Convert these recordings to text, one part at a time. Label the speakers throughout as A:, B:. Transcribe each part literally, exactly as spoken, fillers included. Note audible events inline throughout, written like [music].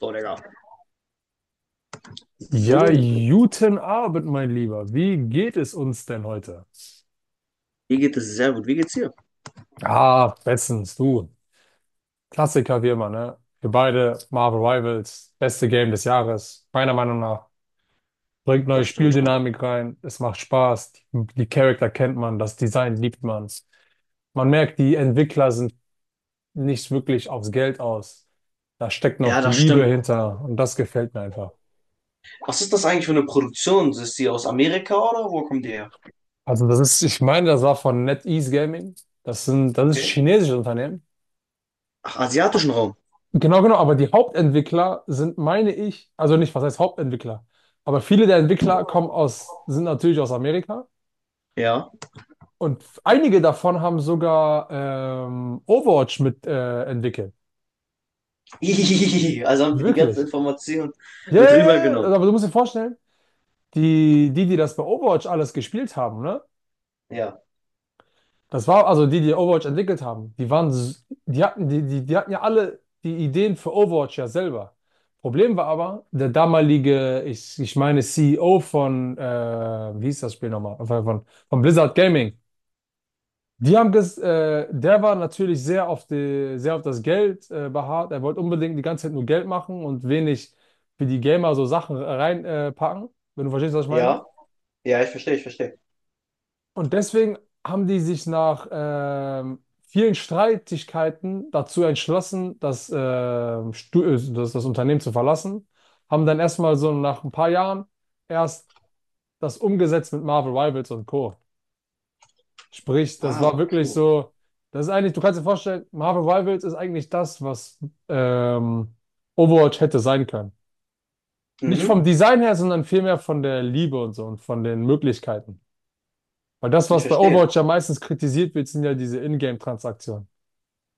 A: So, Digga. So.
B: Ja, guten Abend, mein Lieber. Wie geht es uns denn heute?
A: Mir geht es sehr gut. Wie geht's dir?
B: Ah, bestens, du. Klassiker wie immer, ne? Wir beide, Marvel Rivals, beste Game des Jahres, meiner Meinung nach. Bringt neue
A: Das stimmt schon.
B: Spieldynamik rein, es macht Spaß, die, die Charakter kennt man, das Design liebt man. Man merkt, die Entwickler sind nicht wirklich aufs Geld aus. Da steckt
A: Ja,
B: noch
A: das
B: Liebe
A: stimmt.
B: hinter und das gefällt mir einfach.
A: Was ist das eigentlich für eine Produktion? Ist die aus Amerika oder wo kommt die her?
B: Also das ist, ich meine, das war von NetEase Gaming. Das sind, das ist ein
A: Okay.
B: chinesisches Unternehmen.
A: Ach, asiatischen Raum.
B: Genau, genau, aber die Hauptentwickler sind, meine ich, also nicht, was heißt Hauptentwickler, aber viele der Entwickler kommen aus, sind natürlich aus Amerika
A: Ja.
B: und f- einige davon haben sogar ähm, Overwatch mit äh, entwickelt.
A: [laughs] Also haben die die ganze
B: Wirklich.
A: Information
B: Ja,
A: mit
B: ja, ja, ja,
A: rübergenommen.
B: aber du musst dir vorstellen, die, die, die das bei Overwatch alles gespielt haben, ne?
A: Ja.
B: Das war also die, die Overwatch entwickelt haben. Die waren, s- die hatten, die, die, die hatten ja alle die Ideen für Overwatch ja selber. Problem war aber, der damalige, ich, ich meine C E O von, äh, wie hieß das Spiel nochmal? Von, von von Blizzard Gaming. Die haben ges, äh, der war natürlich sehr auf die, sehr auf das Geld, äh, beharrt. Er wollte unbedingt die ganze Zeit nur Geld machen und wenig für die Gamer so Sachen reinpacken, äh, packen, wenn du verstehst, was ich meine.
A: Ja. Ja, ich verstehe, ich verstehe.
B: Und deswegen haben die sich nach ähm, vielen Streitigkeiten dazu entschlossen, das, ähm, Stu- äh, das, das Unternehmen zu verlassen. Haben dann erstmal so nach ein paar Jahren erst das umgesetzt mit Marvel Rivals und Co. Sprich, das
A: Ah,
B: war
A: okay.
B: wirklich so, das ist eigentlich, du kannst dir vorstellen, Marvel Rivals ist eigentlich das, was ähm, Overwatch hätte sein können. Nicht
A: Mhm.
B: vom Design her, sondern vielmehr von der Liebe und so und von den Möglichkeiten. Weil das,
A: Ich
B: was bei
A: verstehe.
B: Overwatch ja meistens kritisiert wird, sind ja diese Ingame-Transaktionen.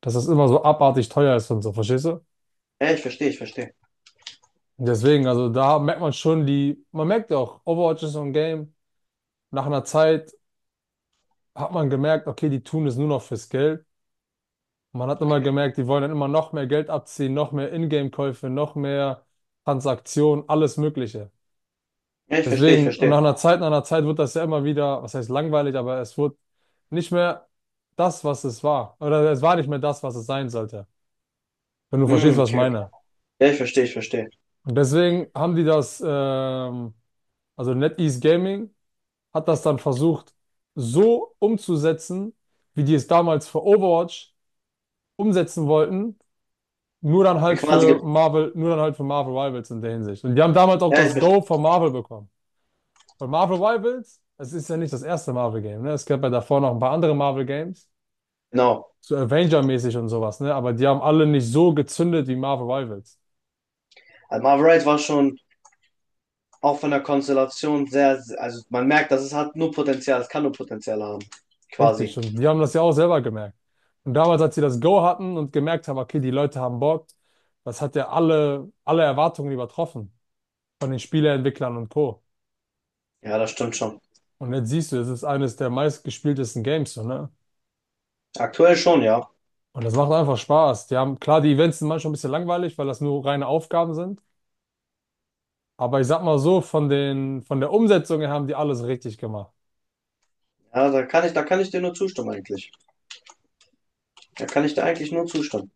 B: Dass das immer so abartig teuer ist und so, verstehst du?
A: Ja, ich verstehe, ich verstehe.
B: Und deswegen, also da merkt man schon die, man merkt ja auch, Overwatch ist so ein Game. Nach einer Zeit hat man gemerkt, okay, die tun es nur noch fürs Geld. Man hat immer
A: Okay.
B: gemerkt, die wollen dann immer noch mehr Geld abziehen, noch mehr Ingame-Käufe, noch mehr Transaktionen, alles Mögliche.
A: Ja, ich verstehe, ich
B: Deswegen, und nach
A: verstehe.
B: einer Zeit, nach einer Zeit wird das ja immer wieder, was heißt langweilig, aber es wird nicht mehr das, was es war. Oder es war nicht mehr das, was es sein sollte, wenn du verstehst,
A: Mm,
B: was ich
A: okay, okay.
B: meine.
A: Ja, ich verstehe, ich verstehe.
B: Und deswegen haben die das, ähm, also NetEase Gaming hat das dann versucht, so umzusetzen, wie die es damals für Overwatch umsetzen wollten, nur dann
A: Okay,
B: halt
A: Quasi
B: für
A: gibt.
B: Marvel, nur dann halt für Marvel Rivals in der Hinsicht. Und die haben damals auch
A: Ja, ich
B: das
A: verstehe.
B: Go von Marvel bekommen. Von Marvel Rivals, es ist ja nicht das erste Marvel-Game, ne? Es gab ja davor noch ein paar andere Marvel-Games,
A: Genau.
B: so Avenger-mäßig und sowas, ne? Aber die haben alle nicht so gezündet wie Marvel Rivals.
A: Also Marvel Wright war schon auch von der Konstellation sehr, sehr- also man merkt, dass es hat nur Potenzial, es kann nur Potenzial haben. Quasi.
B: Richtig, und die haben das ja auch selber gemerkt. Und damals, als sie das Go hatten und gemerkt haben, okay, die Leute haben Bock, das hat ja alle, alle Erwartungen übertroffen von den Spieleentwicklern und Co.
A: Ja, das stimmt schon.
B: Und jetzt siehst du, es ist eines der meistgespieltesten Games, so, ne?
A: Aktuell schon, ja.
B: Und das macht einfach Spaß. Die haben, klar, die Events sind manchmal ein bisschen langweilig, weil das nur reine Aufgaben sind. Aber ich sag mal so, von den, von der Umsetzung her haben die alles richtig gemacht.
A: Ja, da kann ich, da kann ich dir nur zustimmen eigentlich. Da kann ich dir eigentlich nur zustimmen.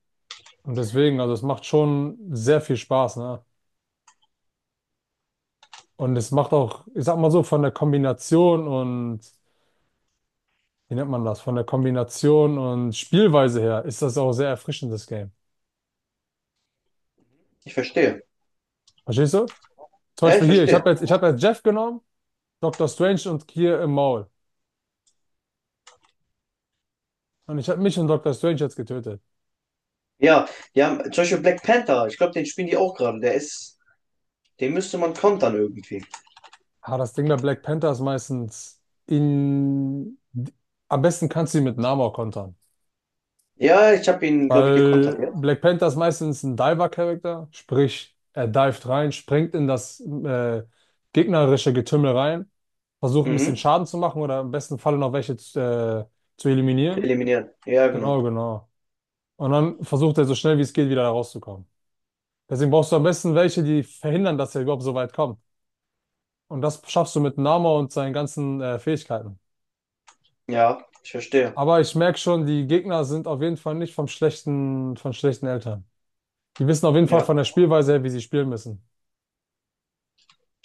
B: Und deswegen, also es macht schon sehr viel Spaß, ne? Und es macht auch, ich sag mal so, von der Kombination und wie nennt man das, von der Kombination und Spielweise her ist das auch sehr erfrischend, das Game.
A: Ich verstehe.
B: Verstehst du? Zum
A: Ja, ich
B: Beispiel hier, ich
A: verstehe.
B: habe jetzt, ich hab jetzt Jeff genommen, Doctor Strange und Kier im Maul. Und ich habe mich und Doctor Strange jetzt getötet.
A: Ja, die haben zum Beispiel Black Panther, ich glaube, den spielen die auch gerade. Der ist, den müsste man kontern irgendwie.
B: Ah, das Ding bei Black Panther ist meistens in... Am besten kannst du ihn mit Namor kontern.
A: Ja, ich habe ihn, glaube ich, gekontert,
B: Weil
A: ja.
B: Black Panther ist meistens ein Diver-Charakter, sprich, er dived rein, springt in das äh, gegnerische Getümmel rein, versucht ein bisschen
A: Mhm.
B: Schaden zu machen oder im besten Falle noch welche zu, äh, zu eliminieren.
A: Eliminieren. Ja, genau.
B: Genau, genau. Und dann versucht er so schnell wie es geht wieder da rauszukommen. Deswegen brauchst du am besten welche, die verhindern, dass er überhaupt so weit kommt. Und das schaffst du mit Nama und seinen ganzen äh, Fähigkeiten.
A: Ja, ich verstehe.
B: Aber ich merke schon, die Gegner sind auf jeden Fall nicht vom schlechten, von schlechten Eltern. Die wissen auf jeden Fall
A: Ja,
B: von der Spielweise her, wie sie spielen müssen.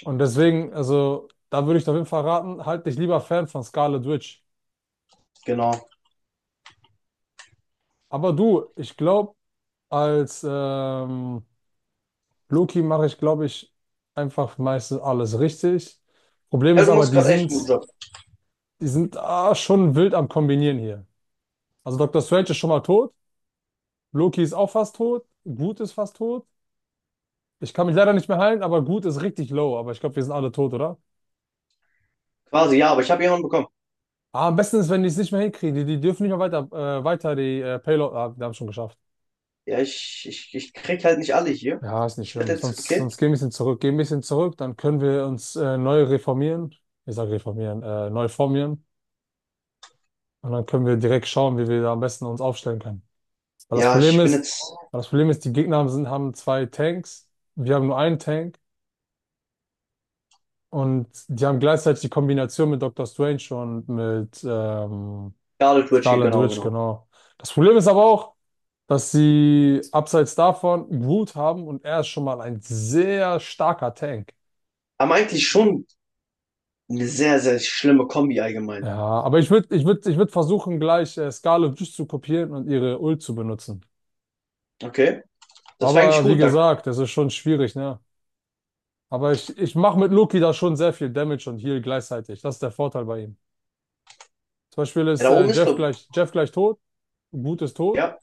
B: Und deswegen, also, da würde ich dir auf jeden Fall raten, halt dich lieber Fan von Scarlet Witch.
A: genau.
B: Aber du, ich glaube, als ähm, Loki mache ich, glaube ich, einfach meistens alles richtig. Problem
A: Ja,
B: ist
A: du
B: aber,
A: machst
B: die
A: gerade echt
B: sind,
A: einen guten Job.
B: die sind ah, schon wild am Kombinieren hier. Also Doctor Strange ist schon mal tot, Loki ist auch fast tot, Groot ist fast tot. Ich kann mich leider nicht mehr heilen, aber Groot ist richtig low. Aber ich glaube, wir sind alle tot, oder?
A: Quasi, ja, aber ich habe jemanden bekommen.
B: Ah, am besten ist, wenn die es nicht mehr hinkriegen. Die, die dürfen nicht mehr weiter, äh, weiter die äh, Payload. Ah, wir haben es schon geschafft.
A: Ja, ich, ich, ich krieg halt nicht alle hier.
B: Ja, ist nicht
A: Ich werde
B: schlimm.
A: jetzt,
B: Sonst,
A: okay?
B: sonst gehen wir ein bisschen zurück. Gehen ein bisschen zurück, dann können wir uns äh, neu reformieren. Ich sage reformieren, äh, neu formieren. Und dann können wir direkt schauen, wie wir da am besten uns aufstellen können. Weil das
A: Ja,
B: Problem
A: ich bin
B: ist,
A: jetzt
B: weil das Problem ist, die Gegner haben- sind, haben zwei Tanks, wir haben nur einen Tank und die haben gleichzeitig die Kombination mit Doctor Strange und mit ähm,
A: Scarlet Witch hier,
B: Scarlet
A: genau,
B: Witch,
A: genau.
B: genau. Das Problem ist aber auch, dass sie abseits davon Groot haben und er ist schon mal ein sehr starker Tank.
A: Aber eigentlich schon eine sehr, sehr schlimme Kombi allgemein.
B: Ja, aber ich würde ich würd, ich würd versuchen, gleich äh, Scarlet Witch zu kopieren und ihre Ult zu benutzen.
A: Okay? Das war eigentlich
B: Aber wie
A: gut. Da, ja,
B: gesagt, das ist schon schwierig, ne? Aber ich, ich mache mit Loki da schon sehr viel Damage und Heal gleichzeitig. Das ist der Vorteil bei ihm. Zum Beispiel ist
A: da
B: äh,
A: oben ist,
B: Jeff
A: glaub ich.
B: gleich, Jeff gleich tot, Groot ist tot,
A: Ja.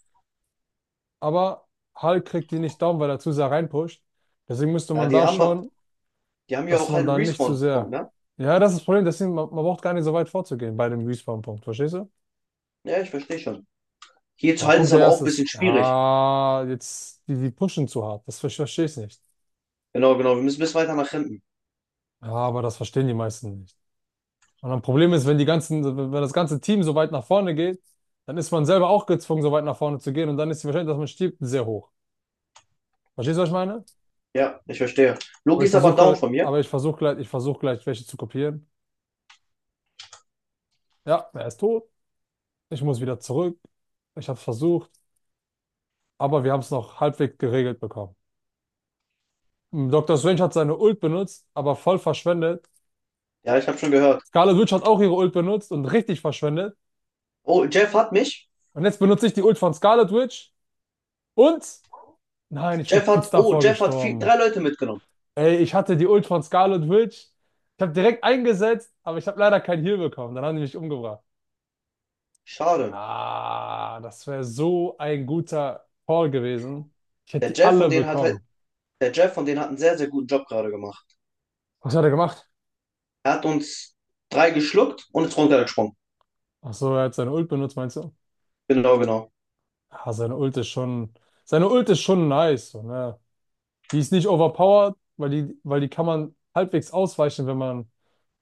B: aber Hulk kriegt die nicht down, weil er zu sehr reinpusht. Deswegen müsste
A: Ja,
B: man
A: die
B: da
A: haben,
B: schauen,
A: die haben ja
B: dass
A: auch halt
B: man
A: einen
B: da nicht zu
A: Respawn-Punkt,
B: sehr.
A: ne?
B: Ja, das ist das Problem, deswegen, man, man braucht gar nicht so weit vorzugehen bei dem Respawn-Punkt, verstehst du?
A: Ja, ich verstehe schon. Hier zu
B: Ah,
A: halten
B: guck,
A: ist
B: der
A: aber auch ein
B: erste
A: bisschen
B: ist.
A: schwierig.
B: Ja, jetzt, die, die pushen zu hart. Das ver- verstehe ich nicht.
A: Genau, genau. Wir müssen bis weiter nach hinten.
B: Ja, aber das verstehen die meisten nicht. Und ein Problem ist, wenn die ganzen, wenn das ganze Team so weit nach vorne geht, dann ist man selber auch gezwungen, so weit nach vorne zu gehen und dann ist die Wahrscheinlichkeit, dass man stirbt, sehr hoch. Verstehst du, was ich meine?
A: Ja, ich verstehe.
B: Aber
A: Loki
B: ich
A: ist aber down
B: versuche,
A: von mir.
B: aber ich versuche gleich, ich versuche gleich, welche zu kopieren. Ja, er ist tot. Ich muss wieder zurück. Ich habe es versucht, aber wir haben es noch halbwegs geregelt bekommen. Mm, Doctor Strange hat seine Ult benutzt, aber voll verschwendet.
A: Ja, ich habe schon gehört.
B: Scarlet Witch hat auch ihre Ult benutzt und richtig verschwendet.
A: Oh, Jeff hat mich.
B: Und jetzt benutze ich die Ult von Scarlet Witch und nein, ich
A: Jeff
B: bin kurz
A: hat, oh,
B: davor
A: Jeff hat vier,
B: gestorben.
A: drei Leute mitgenommen.
B: Ey, ich hatte die Ult von Scarlet Witch. Ich habe direkt eingesetzt, aber ich habe leider keinen Heal bekommen. Dann haben die mich umgebracht.
A: Schade.
B: Ah, das wäre so ein guter Call gewesen. Ich
A: Der
B: hätte die
A: Jeff von
B: alle
A: denen hat halt,
B: bekommen.
A: der Jeff von denen hat einen sehr, sehr guten Job gerade gemacht.
B: Was hat er gemacht?
A: Er hat uns drei geschluckt und ist runtergesprungen.
B: Ach so, er hat seine Ult benutzt, meinst du?
A: Genau, genau.
B: Ah, seine Ult ist schon, seine Ult ist schon nice. So, ne? Die ist nicht overpowered, weil die, weil die kann man halbwegs ausweichen, wenn man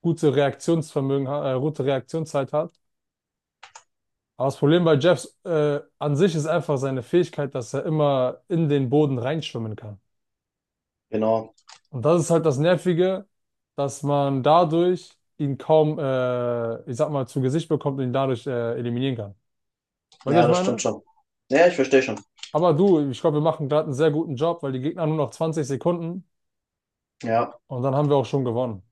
B: gute Reaktionsvermögen, ha- äh, gute Reaktionszeit hat. Aber das Problem bei Jeffs äh, an sich ist einfach seine Fähigkeit, dass er immer in den Boden reinschwimmen kann.
A: Genau.
B: Und das ist halt das Nervige, dass man dadurch ihn kaum, äh, ich sag mal, zu Gesicht bekommt und ihn dadurch äh, eliminieren kann. Weißt du, was
A: Ja,
B: ich
A: das stimmt
B: meine?
A: schon. Ja, ich verstehe schon.
B: Aber du, ich glaube, wir machen gerade einen sehr guten Job, weil die Gegner haben nur noch zwanzig Sekunden
A: Ja.
B: und dann haben wir auch schon gewonnen.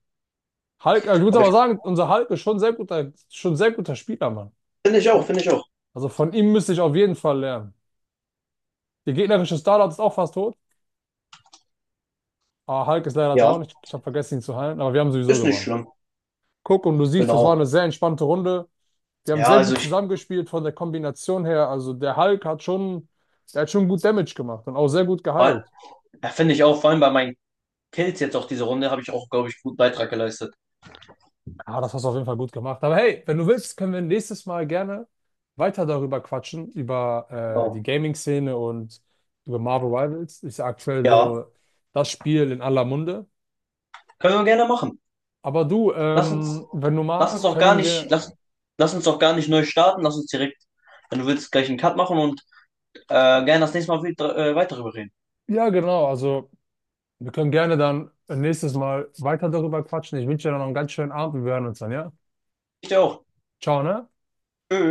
B: Hulk, äh, ich muss
A: Aber ich
B: aber sagen, unser Hulk ist schon sehr guter, schon sehr guter Spieler, Mann.
A: finde ich auch,
B: Von,
A: finde ich auch.
B: also von ihm müsste ich auf jeden Fall lernen. Der gegnerische Startup ist auch fast tot. Ah, Hulk ist leider
A: Ja,
B: down. Ich, ich habe vergessen, ihn zu heilen, aber wir haben sowieso
A: ist nicht
B: gewonnen.
A: schlimm.
B: Guck, und du siehst, das war eine
A: Genau.
B: sehr entspannte Runde. Wir haben
A: Ja,
B: sehr
A: also
B: gut
A: ich
B: zusammengespielt von der Kombination her. Also der Hulk hat schon, der hat schon gut Damage gemacht und auch sehr gut
A: war-
B: geheilt.
A: ja, finde ich auch, vor allem bei meinen Kills jetzt auch diese Runde, habe ich auch, glaube ich, einen guten Beitrag geleistet.
B: Ah, das hast du auf jeden Fall gut gemacht. Aber hey, wenn du willst, können wir nächstes Mal gerne weiter darüber quatschen, über äh, die
A: Genau.
B: Gaming-Szene und über Marvel Rivals. Ist ja aktuell
A: Ja.
B: so das Spiel in aller Munde.
A: Können wir gerne machen.
B: Aber du,
A: Lass uns,
B: ähm, wenn du
A: lass uns
B: magst,
A: auch gar
B: können
A: nicht,
B: wir,
A: lass, lass uns auch gar nicht neu starten, lass uns direkt, wenn du willst, gleich einen Cut machen und äh, gerne das nächste Mal wieder, äh, weiter darüber reden.
B: ja genau, also. Wir können gerne dann äh, nächstes Mal weiter darüber quatschen. Ich wünsche dir noch einen ganz schönen Abend. Wir hören uns dann, ja?
A: Ich dir auch.
B: Ciao, ne?
A: Tschö.